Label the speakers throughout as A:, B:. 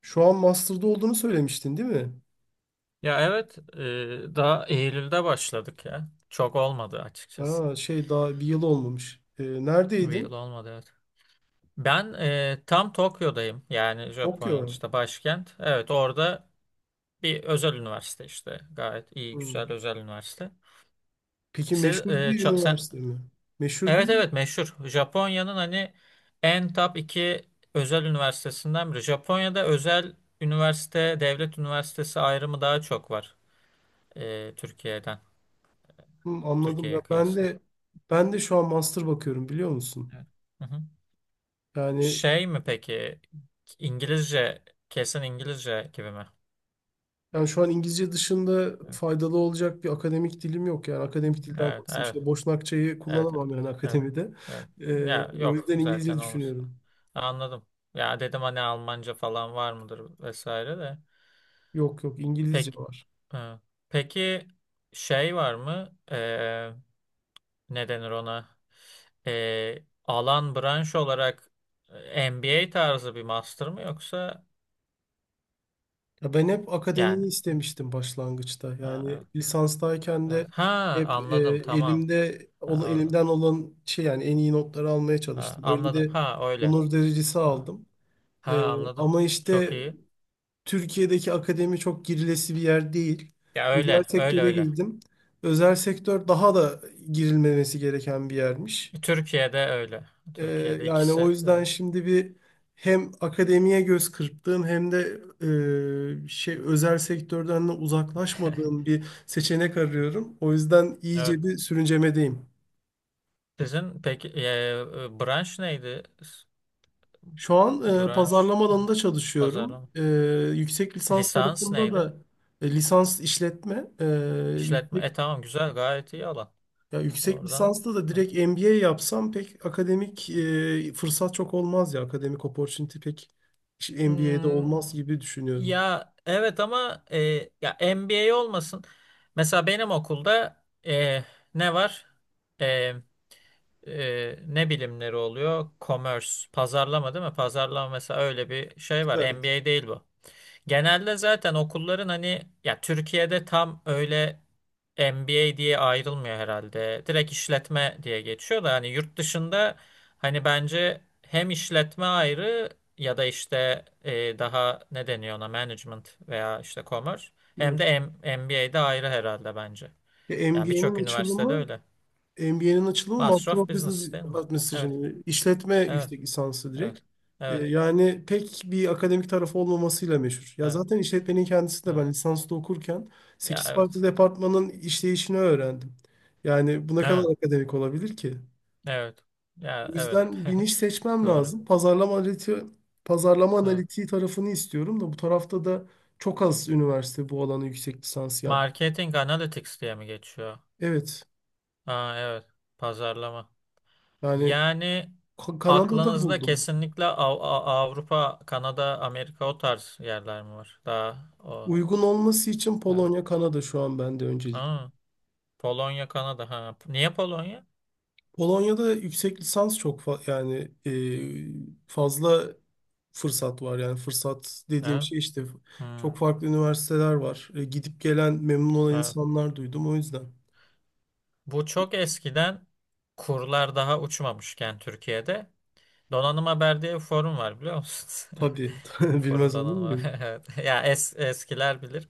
A: Şu an master'da olduğunu söylemiştin, değil mi?
B: Ya evet, daha Eylül'de başladık ya. Çok olmadı açıkçası.
A: Ha, şey, daha bir yıl olmamış.
B: Bir yıl
A: Neredeydin?
B: olmadı evet. Ben tam Tokyo'dayım. Yani Japonya'nın
A: Tokyo.
B: işte başkent. Evet, orada bir özel üniversite işte. Gayet iyi,
A: Hmm.
B: güzel özel üniversite.
A: Peki,
B: Siz,
A: meşhur
B: e,
A: bir
B: ça- sen,
A: üniversite mi? Meşhur bir
B: Evet,
A: ünivers-
B: evet, meşhur. Japonya'nın hani en top iki özel üniversitesinden biri. Japonya'da özel üniversite, devlet üniversitesi ayrımı daha çok var Türkiye'den.
A: Hmm, anladım. Ya
B: Türkiye'ye
A: ben
B: kıyasla.
A: de ben de şu an master bakıyorum, biliyor musun?
B: Evet. Hı hı.
A: Yani
B: Şey mi peki? İngilizce, kesin İngilizce gibi mi?
A: yani şu an İngilizce dışında faydalı olacak bir akademik dilim yok, yani akademik dilden
B: Evet,
A: kastım
B: evet,
A: işte Boşnakçayı
B: evet, evet, evet,
A: kullanamam yani
B: evet,
A: akademide.
B: evet. Ya
A: O
B: yok
A: yüzden İngilizce
B: zaten olmaz.
A: düşünüyorum.
B: Anladım. Ya dedim hani Almanca falan var mıdır vesaire de.
A: Yok yok, İngilizce
B: Pek,
A: var.
B: e, peki, şey var mı? Ne denir ona? Alan branş olarak MBA tarzı bir master mı yoksa
A: Ya ben hep
B: yani?
A: akademiyi istemiştim başlangıçta.
B: Ha,
A: Yani
B: evet,
A: lisanstayken de
B: evet. Ha,
A: hep
B: anladım, tamam. Ha, orada.
A: elimden olan şey, yani en iyi notları almaya
B: Ha,
A: çalıştım. Öyle
B: anladım.
A: de
B: Ha öyle.
A: onur derecesi
B: Ha.
A: aldım.
B: Ha,
A: E,
B: anladım.
A: Ama
B: Çok
A: işte
B: iyi.
A: Türkiye'deki akademi çok girilesi bir yer değil.
B: Ya
A: Özel
B: öyle, öyle
A: sektöre
B: öyle.
A: girdim. Özel sektör daha da girilmemesi gereken bir yermiş.
B: Türkiye'de öyle.
A: Ee,
B: Türkiye'de
A: Yani
B: ikisi
A: o yüzden
B: de.
A: şimdi bir hem akademiye göz kırptığım hem de şey özel sektörden de uzaklaşmadığım bir seçenek arıyorum. O yüzden
B: Evet.
A: iyice bir sürüncemedeyim.
B: Sizin peki branş neydi?
A: Şu an
B: Branş,
A: pazarlama alanında çalışıyorum.
B: pazarlama.
A: Yüksek lisans
B: Lisans
A: tarafında
B: neydi?
A: da lisans işletme, yüksek,
B: İşletme. Tamam, güzel, gayet iyi alan.
A: ya yüksek
B: Oradan.
A: lisansta da
B: Evet.
A: direkt MBA yapsam pek akademik fırsat çok olmaz ya. Akademik opportunity pek MBA'de
B: Hmm,
A: olmaz gibi düşünüyorum.
B: ya evet ama ya MBA olmasın. Mesela benim okulda e, ne var? E, Ne bilimleri oluyor? Commerce, pazarlama değil mi? Pazarlama mesela öyle bir şey var. MBA değil bu. Genelde zaten okulların hani ya Türkiye'de tam öyle MBA diye ayrılmıyor herhalde. Direkt işletme diye geçiyor da hani yurt dışında hani bence hem işletme ayrı ya da işte daha ne deniyor ona management veya işte commerce hem
A: Yani,
B: de M- m b MBA'de ayrı herhalde bence.
A: ya
B: Yani
A: MBA'nin
B: birçok üniversitede
A: açılımı
B: öyle.
A: MBA'nin açılımı
B: Master
A: Master
B: of
A: of Business
B: Business değil mi? Evet.
A: Administration, işletme
B: Evet.
A: yüksek lisansı
B: Evet.
A: direkt.
B: Evet.
A: Yani pek bir akademik tarafı olmamasıyla meşhur. Ya
B: Evet.
A: zaten işletmenin kendisi de
B: Evet.
A: ben lisansta okurken
B: Ya
A: sekiz farklı
B: evet.
A: departmanın işleyişini öğrendim. Yani bu ne
B: Evet.
A: kadar akademik olabilir ki?
B: Evet.
A: O
B: Ya evet.
A: yüzden bir niş seçmem
B: Doğru.
A: lazım. Pazarlama
B: Evet.
A: analitiği tarafını istiyorum da bu tarafta da çok az üniversite bu alana yüksek lisans yap.
B: Marketing Analytics diye mi geçiyor?
A: Evet.
B: Aa, evet. Pazarlama.
A: Yani
B: Yani
A: Kanada'da
B: aklınızda
A: buldum.
B: kesinlikle Avrupa, Kanada, Amerika o tarz yerler mi var? Daha o.
A: Uygun olması için
B: Evet.
A: Polonya, Kanada şu an bende öncelikli.
B: Aa, Polonya, Kanada. Ha. Niye Polonya?
A: Polonya'da yüksek lisans yani fazla fırsat var. Yani fırsat dediğim
B: Evet.
A: şey işte
B: Hmm,
A: çok farklı üniversiteler var. Gidip gelen memnun olan
B: evet.
A: insanlar duydum o yüzden.
B: Bu çok eskiden kurlar daha uçmamışken Türkiye'de Donanım Haber diye bir forum var biliyor musun?
A: Tabii
B: Forum
A: bilmez olur
B: Donanım Haber.
A: muyum?
B: Evet. Ya eskiler bilir.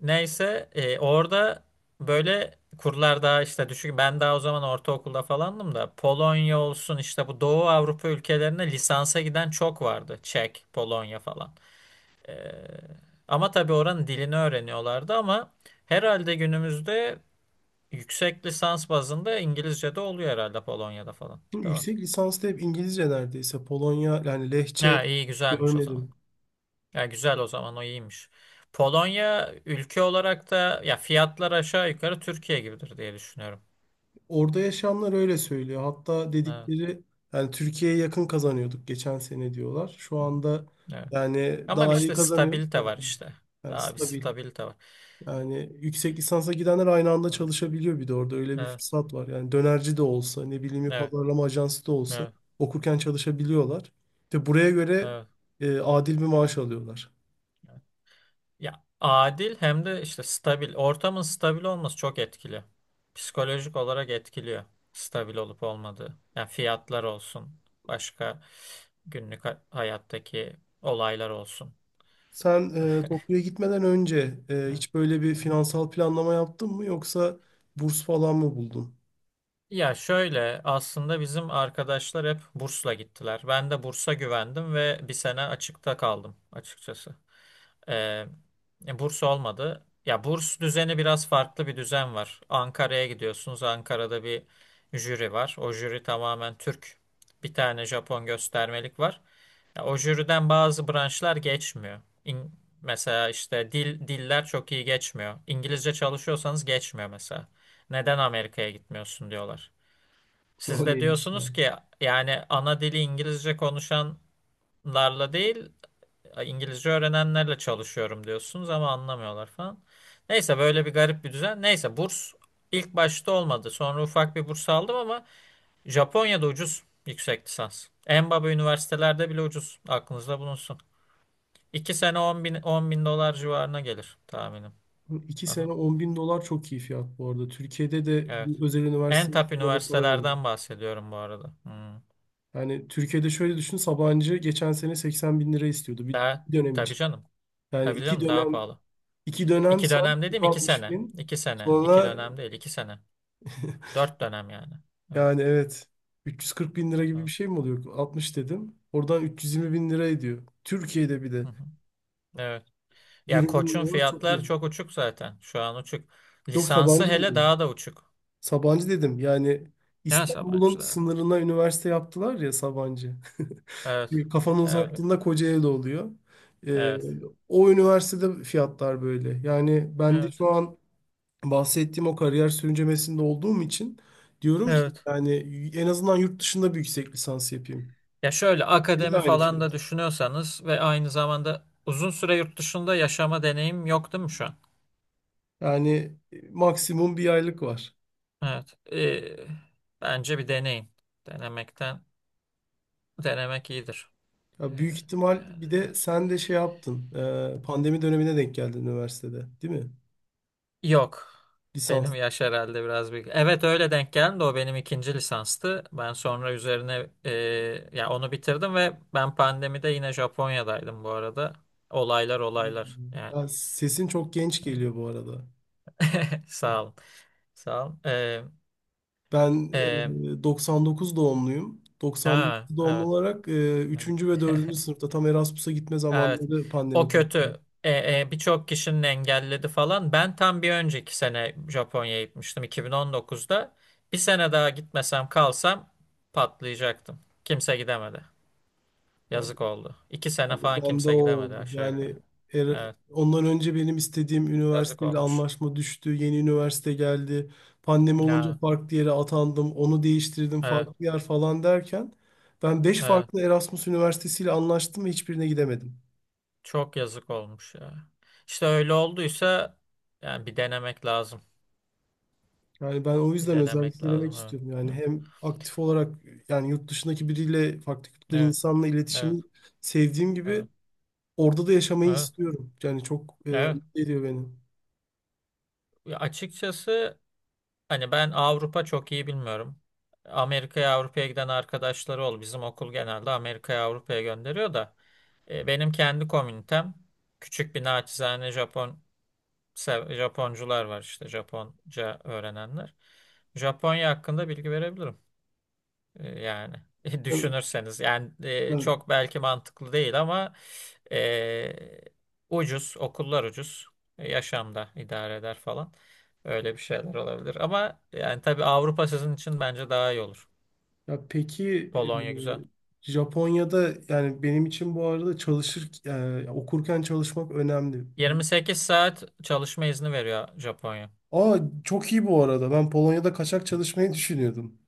B: Neyse, orada böyle kurlar daha işte düşük. Ben daha o zaman ortaokulda falandım da Polonya olsun işte bu Doğu Avrupa ülkelerine lisansa giden çok vardı. Çek, Polonya falan. Ee, Ama tabii oranın dilini öğreniyorlardı ama herhalde günümüzde yüksek lisans bazında İngilizce de oluyor herhalde Polonya'da falan. Değil mi?
A: Yüksek lisansta hep İngilizce neredeyse. Polonya yani
B: Ha,
A: lehçe
B: iyi güzelmiş o zaman.
A: görmedim.
B: Ya güzel o zaman, o iyiymiş. Polonya ülke olarak da ya fiyatlar aşağı yukarı Türkiye gibidir diye düşünüyorum.
A: Orada yaşayanlar öyle söylüyor. Hatta
B: Evet.
A: dedikleri yani Türkiye'ye yakın kazanıyorduk geçen sene diyorlar. Şu
B: Hı hı.
A: anda
B: Evet.
A: yani
B: Ama
A: daha iyi
B: işte
A: kazanıyoruz da
B: stabilite
A: yani,
B: var işte.
A: yani
B: Daha bir
A: stabil.
B: stabilite var.
A: Yani yüksek lisansa gidenler aynı anda
B: Evet.
A: çalışabiliyor, bir de orada öyle bir
B: Evet.
A: fırsat var. Yani dönerci de olsa, ne bileyim, bir
B: Evet.
A: pazarlama ajansı da olsa okurken çalışabiliyorlar. İşte buraya göre
B: Evet.
A: adil bir maaş alıyorlar.
B: Evet. Ya adil hem de işte stabil. Ortamın stabil olması çok etkili. Psikolojik olarak etkiliyor. Stabil olup olmadığı. Yani fiyatlar olsun. Başka günlük hayattaki olaylar olsun.
A: Sen Tokyo'ya gitmeden önce
B: Evet.
A: hiç böyle bir
B: Hı hı.
A: finansal planlama yaptın mı, yoksa burs falan mı buldun?
B: Ya şöyle, aslında bizim arkadaşlar hep bursla gittiler. Ben de bursa güvendim ve bir sene açıkta kaldım açıkçası. Ee, Burs olmadı. Ya burs düzeni biraz farklı bir düzen var. Ankara'ya gidiyorsunuz. Ankara'da bir jüri var. O jüri tamamen Türk. Bir tane Japon göstermelik var. Ya, o jüriden bazı branşlar geçmiyor. İn- Mesela işte dil diller çok iyi geçmiyor. İngilizce çalışıyorsanız geçmiyor mesela. Neden Amerika'ya gitmiyorsun diyorlar. Siz
A: O
B: de
A: neymiş
B: diyorsunuz
A: ya?
B: ki yani ana dili İngilizce konuşanlarla değil ya İngilizce öğrenenlerle çalışıyorum diyorsunuz ama anlamıyorlar falan. Neyse, böyle bir garip bir düzen. Neyse, burs ilk başta olmadı. Sonra ufak bir burs aldım ama Japonya'da ucuz yüksek lisans. En baba üniversitelerde bile ucuz. Aklınızda bulunsun. 2 sene 10 bin, 10 bin dolar civarına gelir tahminim.
A: İki
B: Aha,
A: sene 10 bin dolar çok iyi fiyat bu arada. Türkiye'de de bir
B: evet.
A: özel
B: En
A: üniversiteye
B: top
A: böyle para veriyor.
B: üniversitelerden bahsediyorum bu arada. Hmm.
A: Yani Türkiye'de şöyle düşün, Sabancı geçen sene 80 bin lira istiyordu
B: Daha,
A: bir dönem
B: tabii
A: için.
B: canım.
A: Yani
B: Tabii canım, daha pahalı.
A: iki dönem
B: İki
A: say,
B: dönem
A: yüz
B: dediğim iki
A: altmış
B: sene.
A: bin.
B: 2 sene. İki
A: Sonra
B: dönem değil 2 sene. 4 dönem yani. Evet.
A: yani evet 340 bin lira gibi bir
B: Hı
A: şey mi oluyor? Altmış dedim. Oradan 320 bin lira ediyor. Türkiye'de bir de
B: hı. Evet. Ya
A: 20 bin
B: Koç'un
A: dolar çok
B: fiyatlar
A: iyi.
B: çok uçuk zaten. Şu an uçuk.
A: Yok,
B: Lisansı
A: Sabancı
B: hele
A: dedim.
B: daha da uçuk.
A: Yani
B: Neyse,
A: İstanbul'un
B: yabancı da evet.
A: sınırına üniversite yaptılar ya Sabancı.
B: Evet.
A: Bir kafanı
B: Öyle.
A: uzattığında Kocaeli'de oluyor. Ee,
B: Evet.
A: O üniversitede fiyatlar böyle. Yani ben de
B: Evet.
A: şu an bahsettiğim o kariyer sürüncemesinde olduğum için diyorum ki
B: Evet.
A: yani en azından yurt dışında bir yüksek lisans yapayım.
B: Ya şöyle,
A: Değil,
B: akademi
A: aynı
B: falan
A: fiyat.
B: da düşünüyorsanız ve aynı zamanda uzun süre yurt dışında yaşama deneyim yok değil mi şu an?
A: Yani maksimum bir aylık var.
B: Evet. Bence bir deneyin. Denemekten denemek iyidir. Ee,
A: Ya büyük ihtimal
B: Yani
A: bir de
B: evet.
A: sen de şey yaptın. Pandemi dönemine denk geldin üniversitede, değil mi?
B: Yok. Benim
A: Lisans.
B: yaş herhalde biraz büyük. Evet, öyle denk geldi. O benim ikinci lisanstı. Ben sonra üzerine ya onu bitirdim ve ben pandemide yine Japonya'daydım bu arada. Olaylar olaylar yani.
A: Ya sesin çok genç geliyor bu arada.
B: Sağ olun. Sağ olun.
A: Ben
B: E,
A: 99 doğumluyum.
B: ha,
A: 99 doğumlu
B: evet.
A: olarak 3. ve dördüncü sınıfta tam Erasmus'a gitme
B: Evet.
A: zamanları pandemi
B: O
A: patladı.
B: kötü. Birçok kişinin engelledi falan. Ben tam bir önceki sene Japonya'ya gitmiştim 2019'da. Bir sene daha gitmesem, kalsam patlayacaktım. Kimse gidemedi. Yazık oldu. 2 sene
A: Yani
B: falan
A: ben de o
B: kimse gidemedi
A: oldu.
B: aşağı
A: Yani
B: yukarı. Evet,
A: ondan önce benim istediğim
B: yazık
A: üniversiteyle
B: olmuş.
A: anlaşma düştü. Yeni üniversite geldi. Pandemi olunca
B: Ya,
A: farklı yere atandım. Onu değiştirdim,
B: evet,
A: farklı yer falan derken ben beş
B: evet.
A: farklı Erasmus üniversitesiyle anlaştım ve hiçbirine gidemedim.
B: Çok yazık olmuş ya. İşte öyle olduysa yani bir denemek lazım.
A: Yani ben o
B: Bir
A: yüzden özellikle
B: denemek
A: denemek
B: lazım. Evet,
A: istiyorum. Yani
B: evet,
A: hem aktif olarak yani yurt dışındaki biriyle, farklı kültürden
B: evet,
A: insanla
B: evet,
A: iletişimi sevdiğim gibi
B: evet,
A: orada da yaşamayı
B: evet,
A: istiyorum. Yani çok
B: evet.
A: mutlu ediyor beni.
B: Ya açıkçası, hani ben Avrupa çok iyi bilmiyorum. Amerika'ya Avrupa'ya giden arkadaşları ol. Bizim okul genelde Amerika'ya Avrupa'ya gönderiyor da benim kendi komünitem küçük bir naçizane Japon Japoncular var işte Japonca öğrenenler. Japonya hakkında bilgi verebilirim. Yani
A: Yani-
B: düşünürseniz yani
A: yani-
B: çok belki mantıklı değil ama e, ucuz okullar ucuz. Yaşamda idare eder falan, öyle bir şeyler olabilir ama yani tabii Avrupa sizin için bence daha iyi olur.
A: ya peki
B: Polonya güzel.
A: Japonya'da yani benim için bu arada çalışır okurken çalışmak önemli.
B: 28 saat çalışma izni veriyor Japonya.
A: Aa çok iyi bu arada. Ben Polonya'da kaçak çalışmayı düşünüyordum.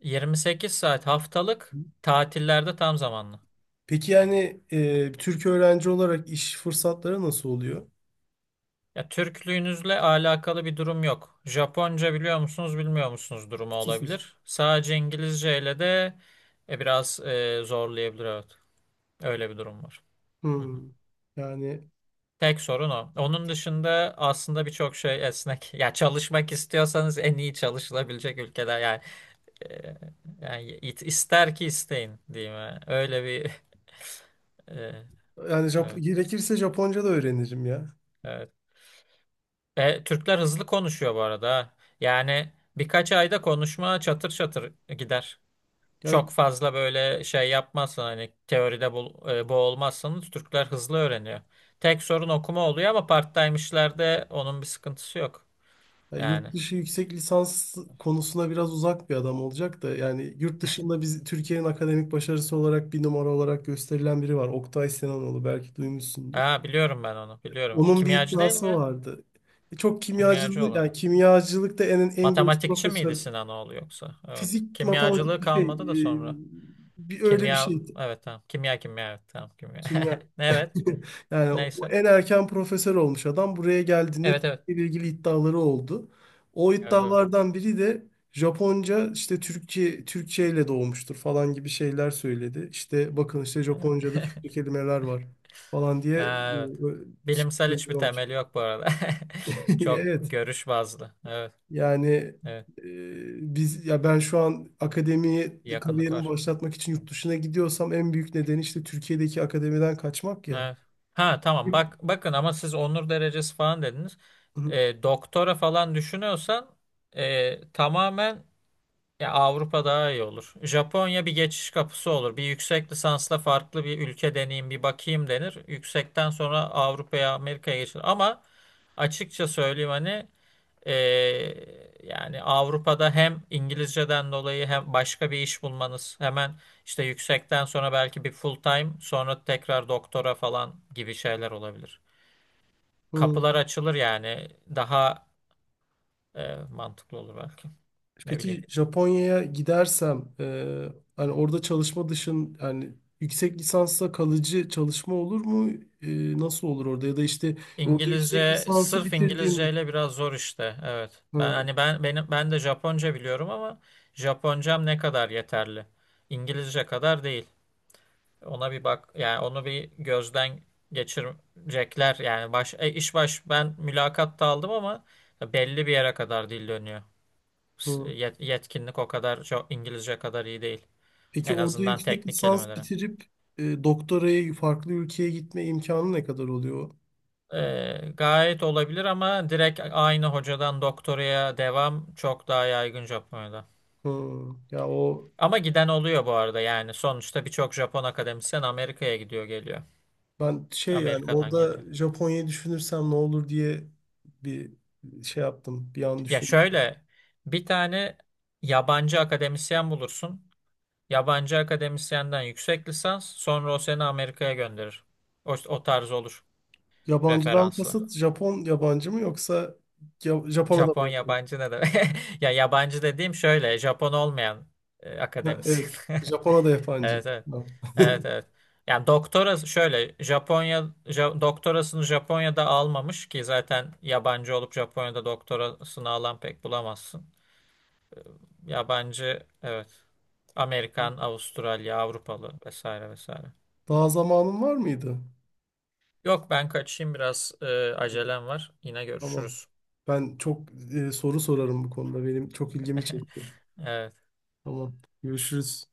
B: 28 saat haftalık, tatillerde tam zamanlı.
A: Peki yani Türk öğrenci olarak iş fırsatları nasıl oluyor?
B: Ya Türklüğünüzle alakalı bir durum yok. Japonca biliyor musunuz, bilmiyor musunuz durumu
A: Sıfır.
B: olabilir. Sadece İngilizce ile de biraz zorlayabilir evet. Öyle bir durum var. Hı hı.
A: Hmm. Yani
B: Tek sorun o. Onun dışında aslında birçok şey esnek. Ya çalışmak istiyorsanız en iyi çalışılabilecek ülkeler yani, e, yani ister ki isteyin diyeyim. Yani. Öyle bir e,
A: yani
B: evet,
A: gerekirse Japonca da öğrenirim ya.
B: evet. Türkler hızlı konuşuyor bu arada. Ha. Yani birkaç ayda konuşma çatır çatır gider.
A: Ya,
B: Çok fazla böyle şey yapmazsın hani, teoride bu, boğulmazsanız Türkler hızlı öğreniyor. Tek sorun okuma oluyor ama part-time'işlerde onun bir sıkıntısı yok.
A: ya yurt
B: Yani.
A: dışı yüksek lisans konusuna biraz uzak bir adam olacak da yani yurt dışında biz Türkiye'nin akademik başarısı olarak bir numara olarak gösterilen biri var. Oktay Sinanoğlu, belki duymuşsundur.
B: Ha, biliyorum, ben onu biliyorum.
A: Onun bir
B: Kimyacı değil mi
A: iddiası
B: ya?
A: vardı. Çok
B: Kimyacı
A: kimyacılık
B: olan.
A: yani kimyacılıkta en genç
B: Matematikçi miydi
A: profesör,
B: Sinanoğlu yoksa? Evet.
A: fizik matematik
B: Kimyacılığı
A: bir şey
B: kalmadı da
A: e,
B: sonra.
A: öyle bir
B: Kimya,
A: şeydi,
B: evet, tamam. Kimya, kimya, evet, tamam, kimya.
A: kimya.
B: Evet,
A: Yani o
B: neyse.
A: en erken profesör olmuş adam buraya geldiğinde
B: Evet, evet.
A: Türkiye ile ilgili iddiaları oldu. O
B: Evet,
A: iddialardan biri de Japonca işte Türkçe ile doğmuştur falan gibi şeyler söyledi. İşte bakın, işte
B: evet.
A: Japonca'da Türkçe kelimeler var falan diye
B: Ha, evet. Bilimsel hiçbir
A: söylüyormuş.
B: temeli yok bu arada. Çok
A: Evet.
B: görüş bazlı. Evet,
A: Yani
B: evet.
A: e, biz ya ben şu an akademiye
B: Bir yakınlık
A: kariyerimi
B: var.
A: başlatmak için yurt dışına gidiyorsam en büyük nedeni işte Türkiye'deki akademiden kaçmak ya.
B: Evet. Ha, tamam,
A: Hı
B: bak bakın ama siz onur derecesi falan dediniz. Doktora falan düşünüyorsan tamamen ya Avrupa daha iyi olur. Japonya bir geçiş kapısı olur. Bir yüksek lisansla farklı bir ülke deneyim, bir bakayım denir. Yüksekten sonra Avrupa'ya Amerika'ya geçilir. Ama açıkça söyleyeyim hani, Ee, yani Avrupa'da hem İngilizceden dolayı hem başka bir iş bulmanız hemen işte yüksekten sonra belki bir full time sonra tekrar doktora falan gibi şeyler olabilir.
A: hı.
B: Kapılar açılır yani, daha mantıklı olur belki. Ne bileyim.
A: Peki Japonya'ya gidersem
B: Hı
A: hani
B: hı.
A: orada çalışma dışın yani yüksek lisansla kalıcı çalışma olur mu? Nasıl olur orada, ya da işte orada yüksek
B: İngilizce
A: lisansı
B: sırf
A: bitirdiğimde.
B: İngilizceyle biraz zor işte. Evet. Ben
A: Hı,
B: hani ben benim ben de Japonca biliyorum ama Japoncam ne kadar yeterli? İngilizce kadar değil. Ona bir bak yani onu bir gözden geçirecekler yani baş e, iş baş ben mülakatta aldım ama belli bir yere kadar dil dönüyor.
A: hı.
B: Yetkinlik o kadar çok İngilizce kadar iyi değil.
A: Peki
B: En
A: orada
B: azından
A: yüksek
B: teknik
A: lisans
B: kelimelere.
A: bitirip doktoraya farklı ülkeye gitme imkanı ne kadar oluyor?
B: Gayet olabilir ama direkt aynı hocadan doktoraya devam çok daha yaygın Japonya'da.
A: Hı. Ya o
B: Ama giden oluyor bu arada yani sonuçta birçok Japon akademisyen Amerika'ya gidiyor geliyor.
A: ben şey, yani
B: Amerika'dan
A: orada
B: geliyor.
A: Japonya'yı düşünürsem ne olur diye bir şey yaptım bir an.
B: Ya şöyle, bir tane yabancı akademisyen bulursun. Yabancı akademisyenden yüksek lisans sonra o seni Amerika'ya gönderir. O tarz olur
A: Yabancıdan
B: referanslı.
A: kasıt Japon yabancı mı, yoksa Japonya'da mı
B: Japon
A: yabancı?
B: yabancı ne demek? Ya yabancı dediğim şöyle Japon olmayan
A: Ha, evet.
B: akademisyen.
A: Japonya'da yabancı.
B: Evet, evet.
A: Ha.
B: Evet, evet. Yani doktorası şöyle doktorasını Japonya'da almamış ki zaten yabancı olup Japonya'da doktorasını alan pek bulamazsın. Ya bence evet. Amerikan, Avustralya, Avrupalı vesaire vesaire.
A: Daha zamanın var mıydı?
B: Yok ben kaçayım biraz acelem var. Yine
A: Tamam.
B: görüşürüz.
A: Ben çok soru sorarım bu konuda. Benim çok ilgimi çekti.
B: Evet.
A: Tamam. Görüşürüz.